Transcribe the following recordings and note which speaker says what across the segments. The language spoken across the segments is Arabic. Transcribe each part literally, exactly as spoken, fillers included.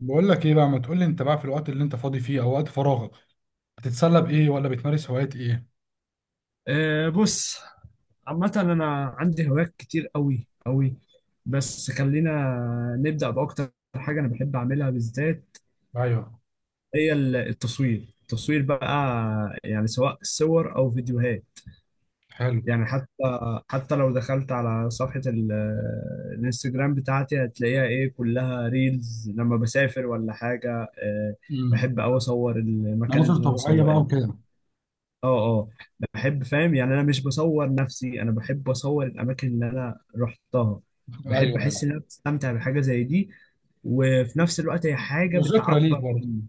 Speaker 1: بقول لك ايه بقى. ما تقول لي انت بقى في الوقت اللي انت فاضي فيه او وقت فراغك بتتسلى بايه، ولا بتمارس هوايات ايه؟
Speaker 2: أه بص، عامة أنا عندي هوايات كتير أوي أوي. بس خلينا نبدأ بأكتر حاجة أنا بحب أعملها بالذات،
Speaker 1: ايوه.
Speaker 2: هي ال- التصوير. التصوير بقى يعني سواء صور أو فيديوهات.
Speaker 1: حلو.
Speaker 2: يعني حتى حتى لو دخلت على صفحة ال- الانستجرام بتاعتي هتلاقيها إيه، كلها ريلز لما بسافر ولا حاجة. أه
Speaker 1: امم.
Speaker 2: بحب أوي أصور المكان
Speaker 1: مناظر
Speaker 2: اللي أنا
Speaker 1: طبيعيه بقى وكده.
Speaker 2: اه اه بحب، فاهم؟ يعني انا مش بصور نفسي، انا بحب اصور الاماكن اللي انا رحتها.
Speaker 1: ايوه،
Speaker 2: بحب احس
Speaker 1: ايوه.
Speaker 2: ان انا بستمتع بحاجه زي دي، وفي نفس الوقت هي حاجه
Speaker 1: وذكرى ليك
Speaker 2: بتعبر
Speaker 1: برضه.
Speaker 2: عن،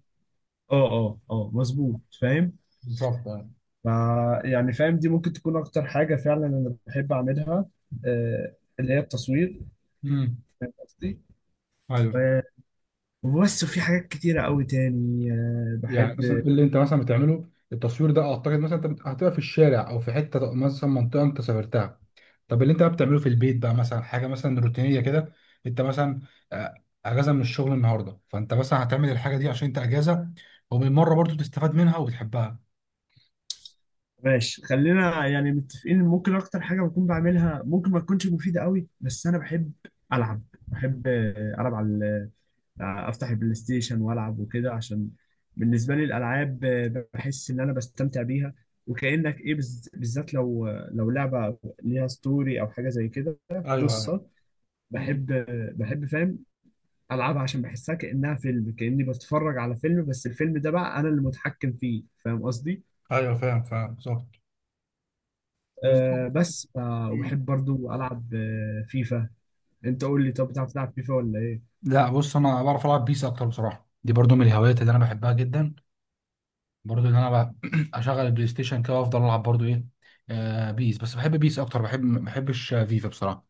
Speaker 2: اه اه اه، مظبوط، فاهم.
Speaker 1: بالظبط، ايوه.
Speaker 2: ف يعني، فاهم، دي ممكن تكون اكتر حاجه فعلا انا بحب اعملها، آه، اللي هي التصوير.
Speaker 1: امم.
Speaker 2: قصدي،
Speaker 1: ايوه.
Speaker 2: آه، وبس، وفي حاجات كتيره قوي تاني آه،
Speaker 1: يعني
Speaker 2: بحب.
Speaker 1: مثلا اللي انت مثلا بتعمله التصوير ده، اعتقد مثلا انت بت- هتبقى في الشارع او في حته مثلا منطقه انت سافرتها. طب اللي انت بقى بتعمله في البيت بقى مثلا حاجه مثلا روتينيه كده، انت مثلا آه، اجازه من الشغل النهارده، فانت مثلا هتعمل الحاجه دي عشان انت اجازه، وبالمره برضو تستفاد منها وبتحبها.
Speaker 2: ماشي، خلينا يعني متفقين إن ممكن اكتر حاجه بكون بعملها ممكن ما تكونش مفيده قوي، بس انا بحب العب. بحب آه، العب على ال- آه، افتح البلاي ستيشن والعب وكده، عشان بالنسبه لي الالعاب آه، بحس ان انا بستمتع بيها. وكانك ايه، بز- بالذات لو لو لعبه ليها ستوري او حاجه زي كده،
Speaker 1: ايوه، ايوه.
Speaker 2: قصه.
Speaker 1: مم.
Speaker 2: بحب آه، بحب، فاهم، العبها عشان بحسها كانها فيلم، كاني بتفرج على فيلم بس الفيلم ده بقى انا اللي متحكم فيه، فاهم قصدي.
Speaker 1: ايوه، فاهم فاهم، بالظبط. بالظبط.
Speaker 2: آه بس، آه
Speaker 1: مم.
Speaker 2: وبحب برضو ألعب آه فيفا. أنت قول لي طب، بتعرف تلعب فيفا ولا إيه؟
Speaker 1: لا بص، انا بعرف العب بيس اكتر بصراحه، دي برضو من الهوايات اللي انا بحبها جدا، برضو ان انا بقى اشغل البلاي ستيشن كده وافضل العب برضو ايه آه بيس. بس بحب بيس اكتر، بحب ما بحبش آه، فيفا بصراحه.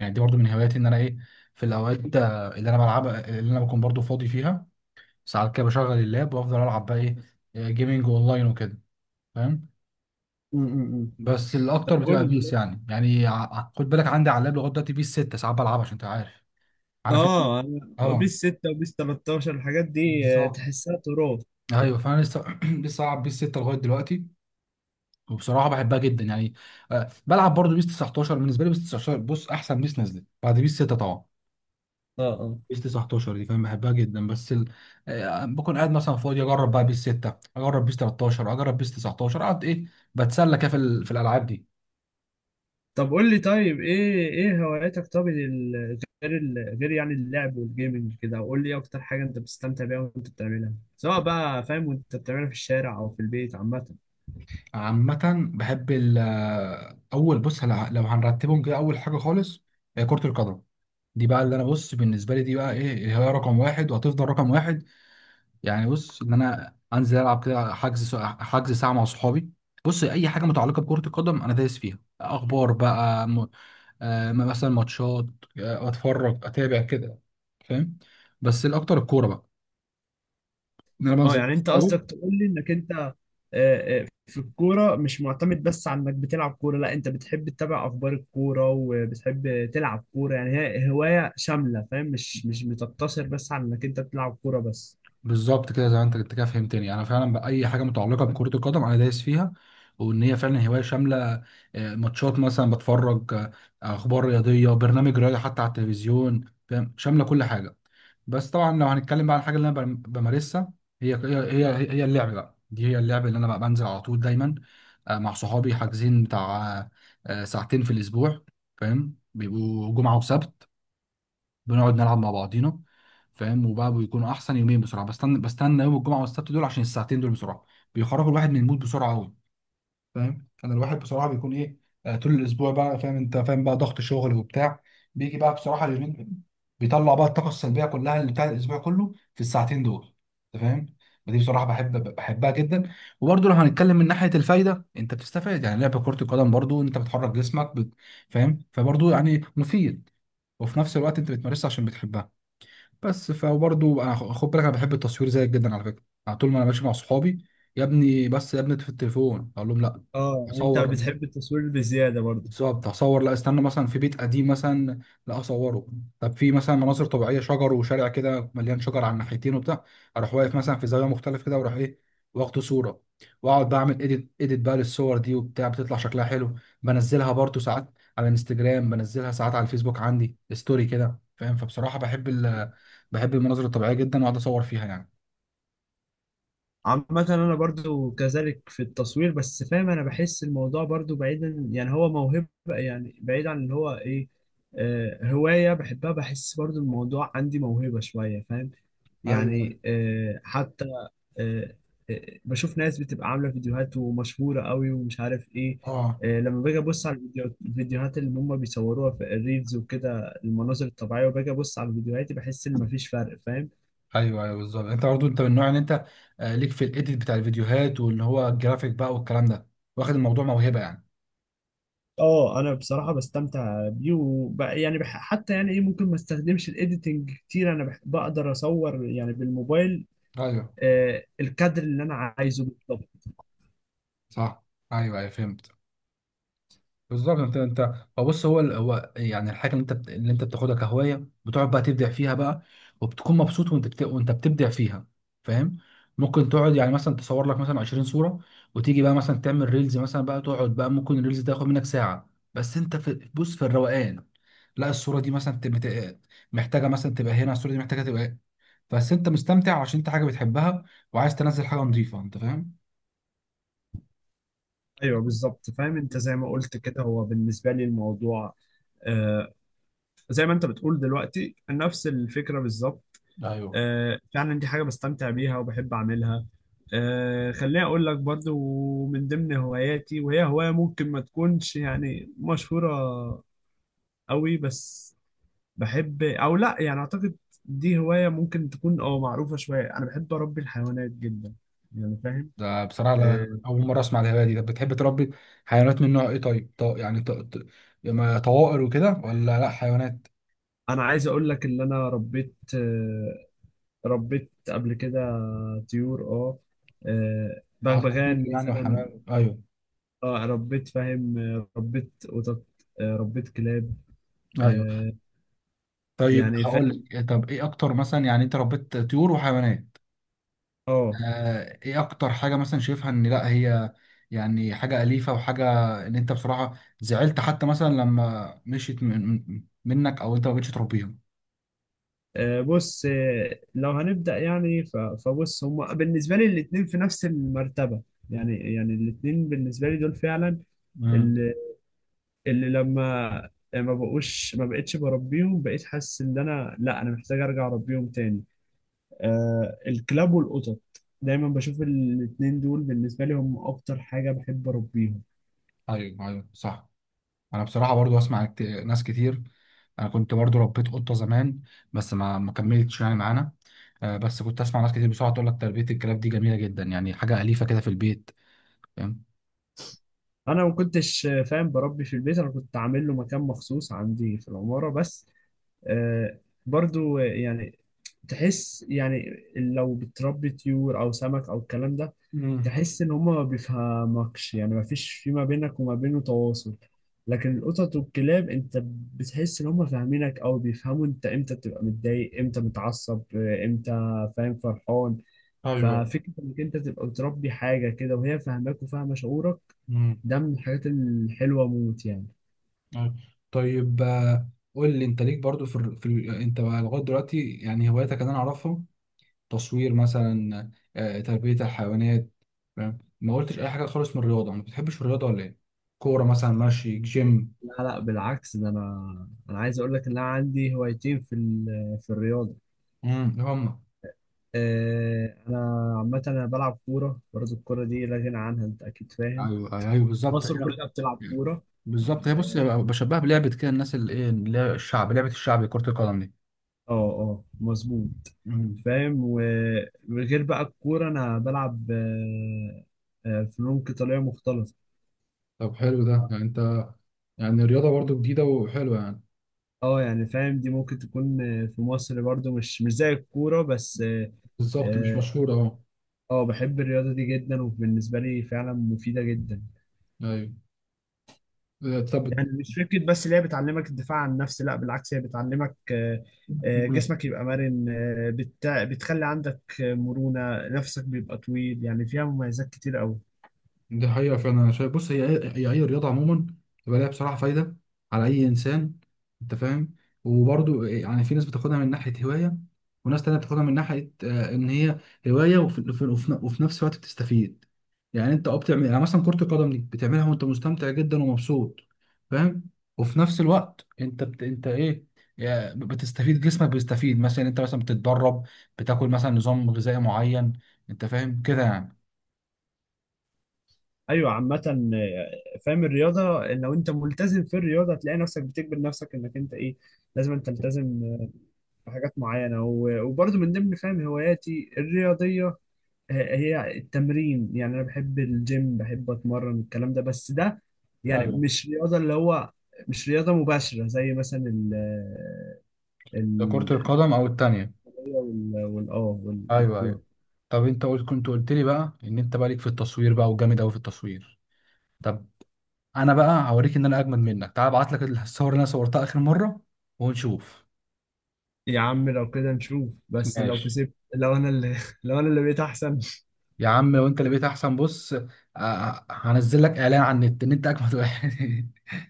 Speaker 1: يعني دي برضو من هواياتي، ان انا ايه، في الاوقات آه، اللي انا بلعب، اللي انا بكون برضو فاضي فيها، ساعات كده بشغل اللاب وافضل العب بقى ايه آه، جيمينج اونلاين وكده، فاهم.
Speaker 2: امم
Speaker 1: بس
Speaker 2: طب
Speaker 1: الاكتر
Speaker 2: قول
Speaker 1: بتبقى
Speaker 2: لي
Speaker 1: بيس،
Speaker 2: طيب.
Speaker 1: يعني يعني ع- خد بالك عندي على اللاب لغايه دلوقتي بيس ستة ساعات بلعبها، عشان انت عارف، عارف إن-
Speaker 2: آه أنا
Speaker 1: اه.
Speaker 2: بيس ستة وبيس تلتاشر الحاجات دي آه
Speaker 1: بالظبط،
Speaker 2: تحسها تراب.
Speaker 1: ايوه. فانا لسه لسه العب بيس ستة لغايه دلوقتي، وبصراحه بحبها جدا يعني. آه، بلعب برضو بيس تسعتاشر، بالنسبه لي بيس تسعة عشر بص احسن بيس نزلت بعد بيس ستة طبعا.
Speaker 2: اه اه.
Speaker 1: بيس تسعة عشر دي فاهم، بحبها جدا بس ال... آه، بكون قاعد مثلا فاضي، اجرب بقى بيس ستة، اجرب بيس تلتاشر، اجرب بيس تسعتاشر، اقعد ايه، بتسلى كده في, ال... في الالعاب دي.
Speaker 2: طب قول لي طيب، إيه إيه هواياتك طب، ال- غير ال- غير يعني اللعب والجيمنج كده؟ وقول لي إيه أكتر حاجة أنت بتستمتع بيها وأنت بتعملها، سواء بقى فاهم وأنت بتعملها في الشارع أو في البيت عامة.
Speaker 1: عامه، بحب ال... آه، اول بص هلا- لو هنرتبهم كده، اول حاجه خالص هي كره القدم. دي بقى اللي انا بص بالنسبه لي دي بقى ايه، هي رقم واحد وهتفضل رقم واحد. يعني بص ان انا انزل العب كده، حجز ساعة- حجز ساعه مع صحابي. بص اي حاجه متعلقه بكره القدم انا دايس فيها، اخبار بقى م... آه مثلا ماتشات، آه اتفرج اتابع كده، فاهم. بس الاكتر الكوره بقى، ان انا
Speaker 2: اه،
Speaker 1: بنزل مع
Speaker 2: يعني انت
Speaker 1: صحابي.
Speaker 2: قصدك تقول لي انك انت، آه، آه، في الكوره مش معتمد بس على انك بتلعب كوره، لا انت بتحب تتابع اخبار الكوره وبتحب تلعب كوره، يعني هي هوايه شامله، فاهم، مش مش بتقتصر بس على انك انت بتلعب كوره بس.
Speaker 1: بالظبط كده، زي ما انت انت كده فهمتني، يعني انا فعلا باي حاجه متعلقه بكره القدم انا دايس فيها، وان هي فعلا هوايه شامله. آه، ماتشات مثلا بتفرج، آه، اخبار رياضيه، برنامج رياضي حتى على التلفزيون، فاهم، شامله كل حاجه. بس طبعا لو هنتكلم بقى عن الحاجه اللي انا بم- بمارسها، هي هي هي هي اللعب بقى، دي هي اللعب اللي انا بقى بنزل على طول دايما آه، مع صحابي، حاجزين بتاع آه، ساعتين في الاسبوع فاهم، بيبقوا جمعه وسبت، بنقعد نلعب مع بعضينا، فاهم. وبقى بيكونوا احسن يومين بسرعه، بستنى بستنى يوم الجمعه والسبت دول، عشان الساعتين دول بسرعه بيخرجوا الواحد من المود بسرعه قوي، فاهم. كان الواحد بصراحه بيكون ايه آه، طول الاسبوع بقى، فاهم انت، فاهم بقى ضغط شغل وبتاع، بيجي بقى بصراحه اليومين دول بيطلع بقى الطاقه السلبيه كلها اللي بتاع الاسبوع كله في الساعتين دول، انت فاهم. فدي بصراحه بحب بحبها جدا. وبرضه لو هنتكلم من ناحيه الفايده، انت بتستفاد يعني، لعب كره القدم برضه انت بتحرك جسمك بت- فاهم، فبرضه يعني مفيد، وفي نفس الوقت انت بتمارسها عشان بتحبها. بس فبرضه بقى- خد بالك، انا بحب التصوير زيك جدا على فكره، على طول ما انا ماشي مع صحابي، يا ابني بس يا ابني في التليفون، اقول لهم لا
Speaker 2: اه انت
Speaker 1: اصور.
Speaker 2: بتحب التصوير بزياده برضه.
Speaker 1: بالظبط، هصور لا، استنى مثلا في بيت قديم مثلا لا اصوره. طب في مثلا مناظر طبيعيه شجر وشارع كده مليان شجر على الناحيتين وبتاع، اروح واقف مثلا في زاويه مختلف كده واروح ايه، واخد صوره، واقعد بعمل اديت، اديت بقى للصور دي وبتاع بتطلع شكلها حلو. بنزلها برضو ساعات على الانستجرام، بنزلها ساعات على الفيسبوك عندي ستوري كده، فاهم. فبصراحه بحب ال... بحب المناظر الطبيعيه جدا واقعد اصور فيها يعني.
Speaker 2: عامة أنا برضو كذلك في التصوير، بس فاهم أنا بحس الموضوع برضو بعيدا، يعني هو موهبة، يعني بعيد عن اللي هو إيه، آه هواية بحبها. بحس برضو الموضوع عندي موهبة شوية، فاهم،
Speaker 1: ايوه، أيوة.
Speaker 2: يعني آه حتى آه آه، بشوف ناس بتبقى عاملة فيديوهات ومشهورة قوي ومش عارف إيه.
Speaker 1: اه،
Speaker 2: آه لما باجي أبص على الفيديو- الفيديوهات اللي هم بيصوروها في الريلز وكده، المناظر الطبيعية، وباجي أبص على فيديوهاتي بحس إن مفيش فرق، فاهم.
Speaker 1: ايوه، ايوه، بالظبط انت برضه، انت من النوع ان انت آه، ليك في الايديت بتاع الفيديوهات، واللي هو الجرافيك بقى والكلام ده، واخد الموضوع موهبه يعني.
Speaker 2: اه، انا بصراحه بستمتع بيه وب... يعني بح... حتى يعني ايه، ممكن ما استخدمش الايديتنج كتير، انا بح... بقدر اصور يعني بالموبايل
Speaker 1: ايوه.
Speaker 2: آه الكادر اللي انا عايزه بالظبط.
Speaker 1: صح. ايوه، ايوه، فهمت، بالظبط. انت انت هو بص، هو ال- هو يعني الحاجه اللي انت بت- اللي انت بتاخدها كهوايه، بتقعد بقى تبدع فيها بقى، وبتكون مبسوط وانت بت... وانت بتبدع فيها، فاهم. ممكن تقعد يعني مثلا تصور لك مثلا عشرين صوره، وتيجي بقى مثلا تعمل ريلز مثلا بقى، تقعد بقى ممكن الريلز ده ياخد منك ساعه، بس انت في بص في الروقان، لا الصوره دي مثلا تبقى محتاجه مثلا تبقى هنا، الصوره دي محتاجه تبقى، بس انت مستمتع عشان انت حاجه بتحبها، وعايز تنزل حاجه نظيفه، انت فاهم.
Speaker 2: ايوه بالظبط، فاهم، انت زي ما قلت كده، هو بالنسبه لي الموضوع آه زي ما انت بتقول دلوقتي، نفس الفكره بالظبط.
Speaker 1: ايوه.
Speaker 2: آه فعلا دي حاجه بستمتع بيها وبحب اعملها. آه خليني اقول لك برضو من ضمن هواياتي، وهي هوايه ممكن ما تكونش يعني مشهوره قوي، بس بحب او لا، يعني اعتقد دي هواية ممكن تكون اه معروفة شوية. انا بحب اربي الحيوانات جدا، يعني فاهم.
Speaker 1: ده بصراحة لا-
Speaker 2: آه،
Speaker 1: أول مرة أسمع الهواية دي، طب بتحب تربي حيوانات من نوع إيه طيب؟ ط- يعني ط... ط... يما طوائر وكده ولا لأ حيوانات؟
Speaker 2: انا عايز اقول لك ان انا ربيت، آه، ربيت قبل كده طيور، اه آه،
Speaker 1: عصافير
Speaker 2: بغبغان
Speaker 1: يعني
Speaker 2: مثلا.
Speaker 1: وحمام، أيوه.
Speaker 2: اه، ربيت، فاهم، آه، ربيت قطط، آه، ربيت كلاب،
Speaker 1: أيوه.
Speaker 2: آه،
Speaker 1: طيب
Speaker 2: يعني
Speaker 1: هقول
Speaker 2: فاهم.
Speaker 1: لك إيه، طب إيه أكتر مثلا يعني أنت ربيت طيور وحيوانات،
Speaker 2: اه،
Speaker 1: آه إيه أكتر حاجة مثلا شايفها إن لأ هي يعني حاجة أليفة وحاجة، إن أنت بصراحة زعلت حتى مثلا لما مشيت من... من- منك، أو أنت ما بقتش تربيها؟
Speaker 2: آه، بص، آه، لو هنبدأ يعني ف- فبص، هما بالنسبة لي الاتنين في نفس المرتبة، يعني يعني الاتنين بالنسبة لي دول فعلا،
Speaker 1: امم.
Speaker 2: اللي, اللي لما ما بقوش ما بقتش بربيهم، بقيت حاسس ان انا، لا، انا محتاج ارجع اربيهم تاني. آه الكلاب والقطط دايما بشوف الاتنين دول بالنسبه لي هم اكتر حاجه بحب اربيهم.
Speaker 1: أيوه، أيوه، صح. انا بصراحه برضو اسمع كت- ناس كتير، انا كنت برضو ربيت قطه زمان بس ما ما كملتش يعني معانا. آه، بس كنت اسمع ناس كتير بصراحه تقول لك تربيه الكلاب دي جميله جدا، يعني حاجه اليفه كده في البيت، فاهم.
Speaker 2: انا ما كنتش، آه، فاهم، بربي في البيت، انا كنت عامل له مكان مخصوص عندي في العماره بس. آه برضو، آه، يعني تحس، يعني لو بتربي طيور او سمك او الكلام ده
Speaker 1: امم.
Speaker 2: تحس ان هما ما بيفهمكش، يعني ما فيش في ما بينك وما بينه تواصل. لكن القطط والكلاب انت بتحس ان هما فاهمينك، او بيفهموا انت امتى بتبقى متضايق، امتى متعصب، امتى، فاهم، فرحان.
Speaker 1: ايوه.
Speaker 2: ففكرة انك انت تبقى بتربي حاجة كده وهي فاهماك وفاهمة شعورك،
Speaker 1: امم.
Speaker 2: ده من الحاجات الحلوة موت يعني.
Speaker 1: أيوة. طيب آه، قول لي انت ليك برضو في, الر- في ال- انت بقى لغايه دلوقتي يعني هواياتك اللي انا اعرفها، تصوير مثلا آه، تربيه الحيوانات، فاهم، ما قلتش اي حاجه خالص من الرياضه، ما بتحبش الرياضه ولا ايه؟ كوره مثلا، ماشي، جيم.
Speaker 2: لا، لا، بالعكس، ده انا انا عايز اقول لك ان انا عندي هوايتين في ال- في الرياضة.
Speaker 1: امم، هم.
Speaker 2: آه، انا عامه انا بلعب كوره برضه، الكوره دي لا غنى عنها، انت اكيد فاهم.
Speaker 1: ايوه، ايوه، أيوة، بالظبط،
Speaker 2: مصر
Speaker 1: ايوه.
Speaker 2: كلها بتلعب كوره.
Speaker 1: بالظبط، هي بص، بشبهها بلعبه كده الناس اللي ايه اللي هي الشعب، لعبه الشعب كره القدم دي.
Speaker 2: اه اه، مظبوط،
Speaker 1: مم.
Speaker 2: فاهم. وغير بقى الكوره انا بلعب آه، آه، فنون قتاليه مختلطه.
Speaker 1: طب حلو ده، يعني انت يعني رياضه برضو جديده وحلوه يعني.
Speaker 2: اه يعني فاهم، دي ممكن تكون، آه، في مصر برضه مش مش زي الكوره بس. اه
Speaker 1: بالظبط مش
Speaker 2: آه،
Speaker 1: مشهوره، اه.
Speaker 2: آه، بحب الرياضه دي جدا، وبالنسبه لي فعلا مفيده جدا.
Speaker 1: ايوه. آه،
Speaker 2: يعني مش فكرة بس اللي هي بتعلمك الدفاع عن النفس، لا بالعكس، هي بتعلمك آه، آه،
Speaker 1: طب
Speaker 2: جسمك يبقى مرن، آه، بت- بتخلي عندك آه، مرونة، نفسك بيبقى طويل، يعني فيها مميزات كتير قوي.
Speaker 1: دي حقيقة فعلا أنا شايف، بص هي، هي أي رياضة عموما بيبقى ليها بصراحة فايدة على أي إنسان، أنت فاهم. وبرضو يعني في ناس بتاخدها من ناحية هواية، وناس تانية بتاخدها من ناحية آه، إن هي هواية، وفي, وفي, وفي, وفي نفس الوقت بتستفيد. يعني أنت أه بتعمل يعني مثلا كرة القدم دي بتعملها وأنت مستمتع جدا ومبسوط، فاهم. وفي نفس الوقت أنت بت... أنت إيه، يعني بتستفيد، جسمك بيستفيد، مثلا أنت مثلا بتتدرب، بتاكل مثلا نظام غذائي معين، أنت فاهم كده يعني.
Speaker 2: ايوه عامة، آه، فاهم، الرياضة لو انت ملتزم في الرياضة هتلاقي نفسك بتجبر نفسك انك انت ايه، لازم أن تلتزم آه، بحاجات معينة و- وبرضه من ضمن فاهم هواياتي الرياضية هي التمرين. يعني انا بحب الجيم بحب اتمرن، الكلام ده بس ده يعني
Speaker 1: ايوه.
Speaker 2: مش رياضه اللي هو، مش رياضه مباشره زي مثلا ال
Speaker 1: ده كرة
Speaker 2: ال
Speaker 1: القدم أو التانية.
Speaker 2: وال وال- اه وال-
Speaker 1: أيوه، أيوه.
Speaker 2: والكوره.
Speaker 1: طب أنت قلت، كنت قلت لي بقى إن أنت بقى ليك في التصوير بقى وجامد أوي في التصوير، طب أنا بقى هوريك إن أنا أجمد منك، تعال أبعت لك الصور اللي أنا صورتها آخر مرة ونشوف.
Speaker 2: يا عم لو كده نشوف. بس لو
Speaker 1: ماشي.
Speaker 2: كسبت لو انا اللي لو انا اللي بقيت احسن.
Speaker 1: يا عم لو أنت اللي بقيت أحسن بص، آه، هنزل لك إعلان على النت إن أنت أجمد واحد.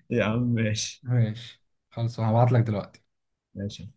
Speaker 2: يا عم ماشي.
Speaker 1: ماشي. خلاص هبعت لك دلوقتي.
Speaker 2: ماشي.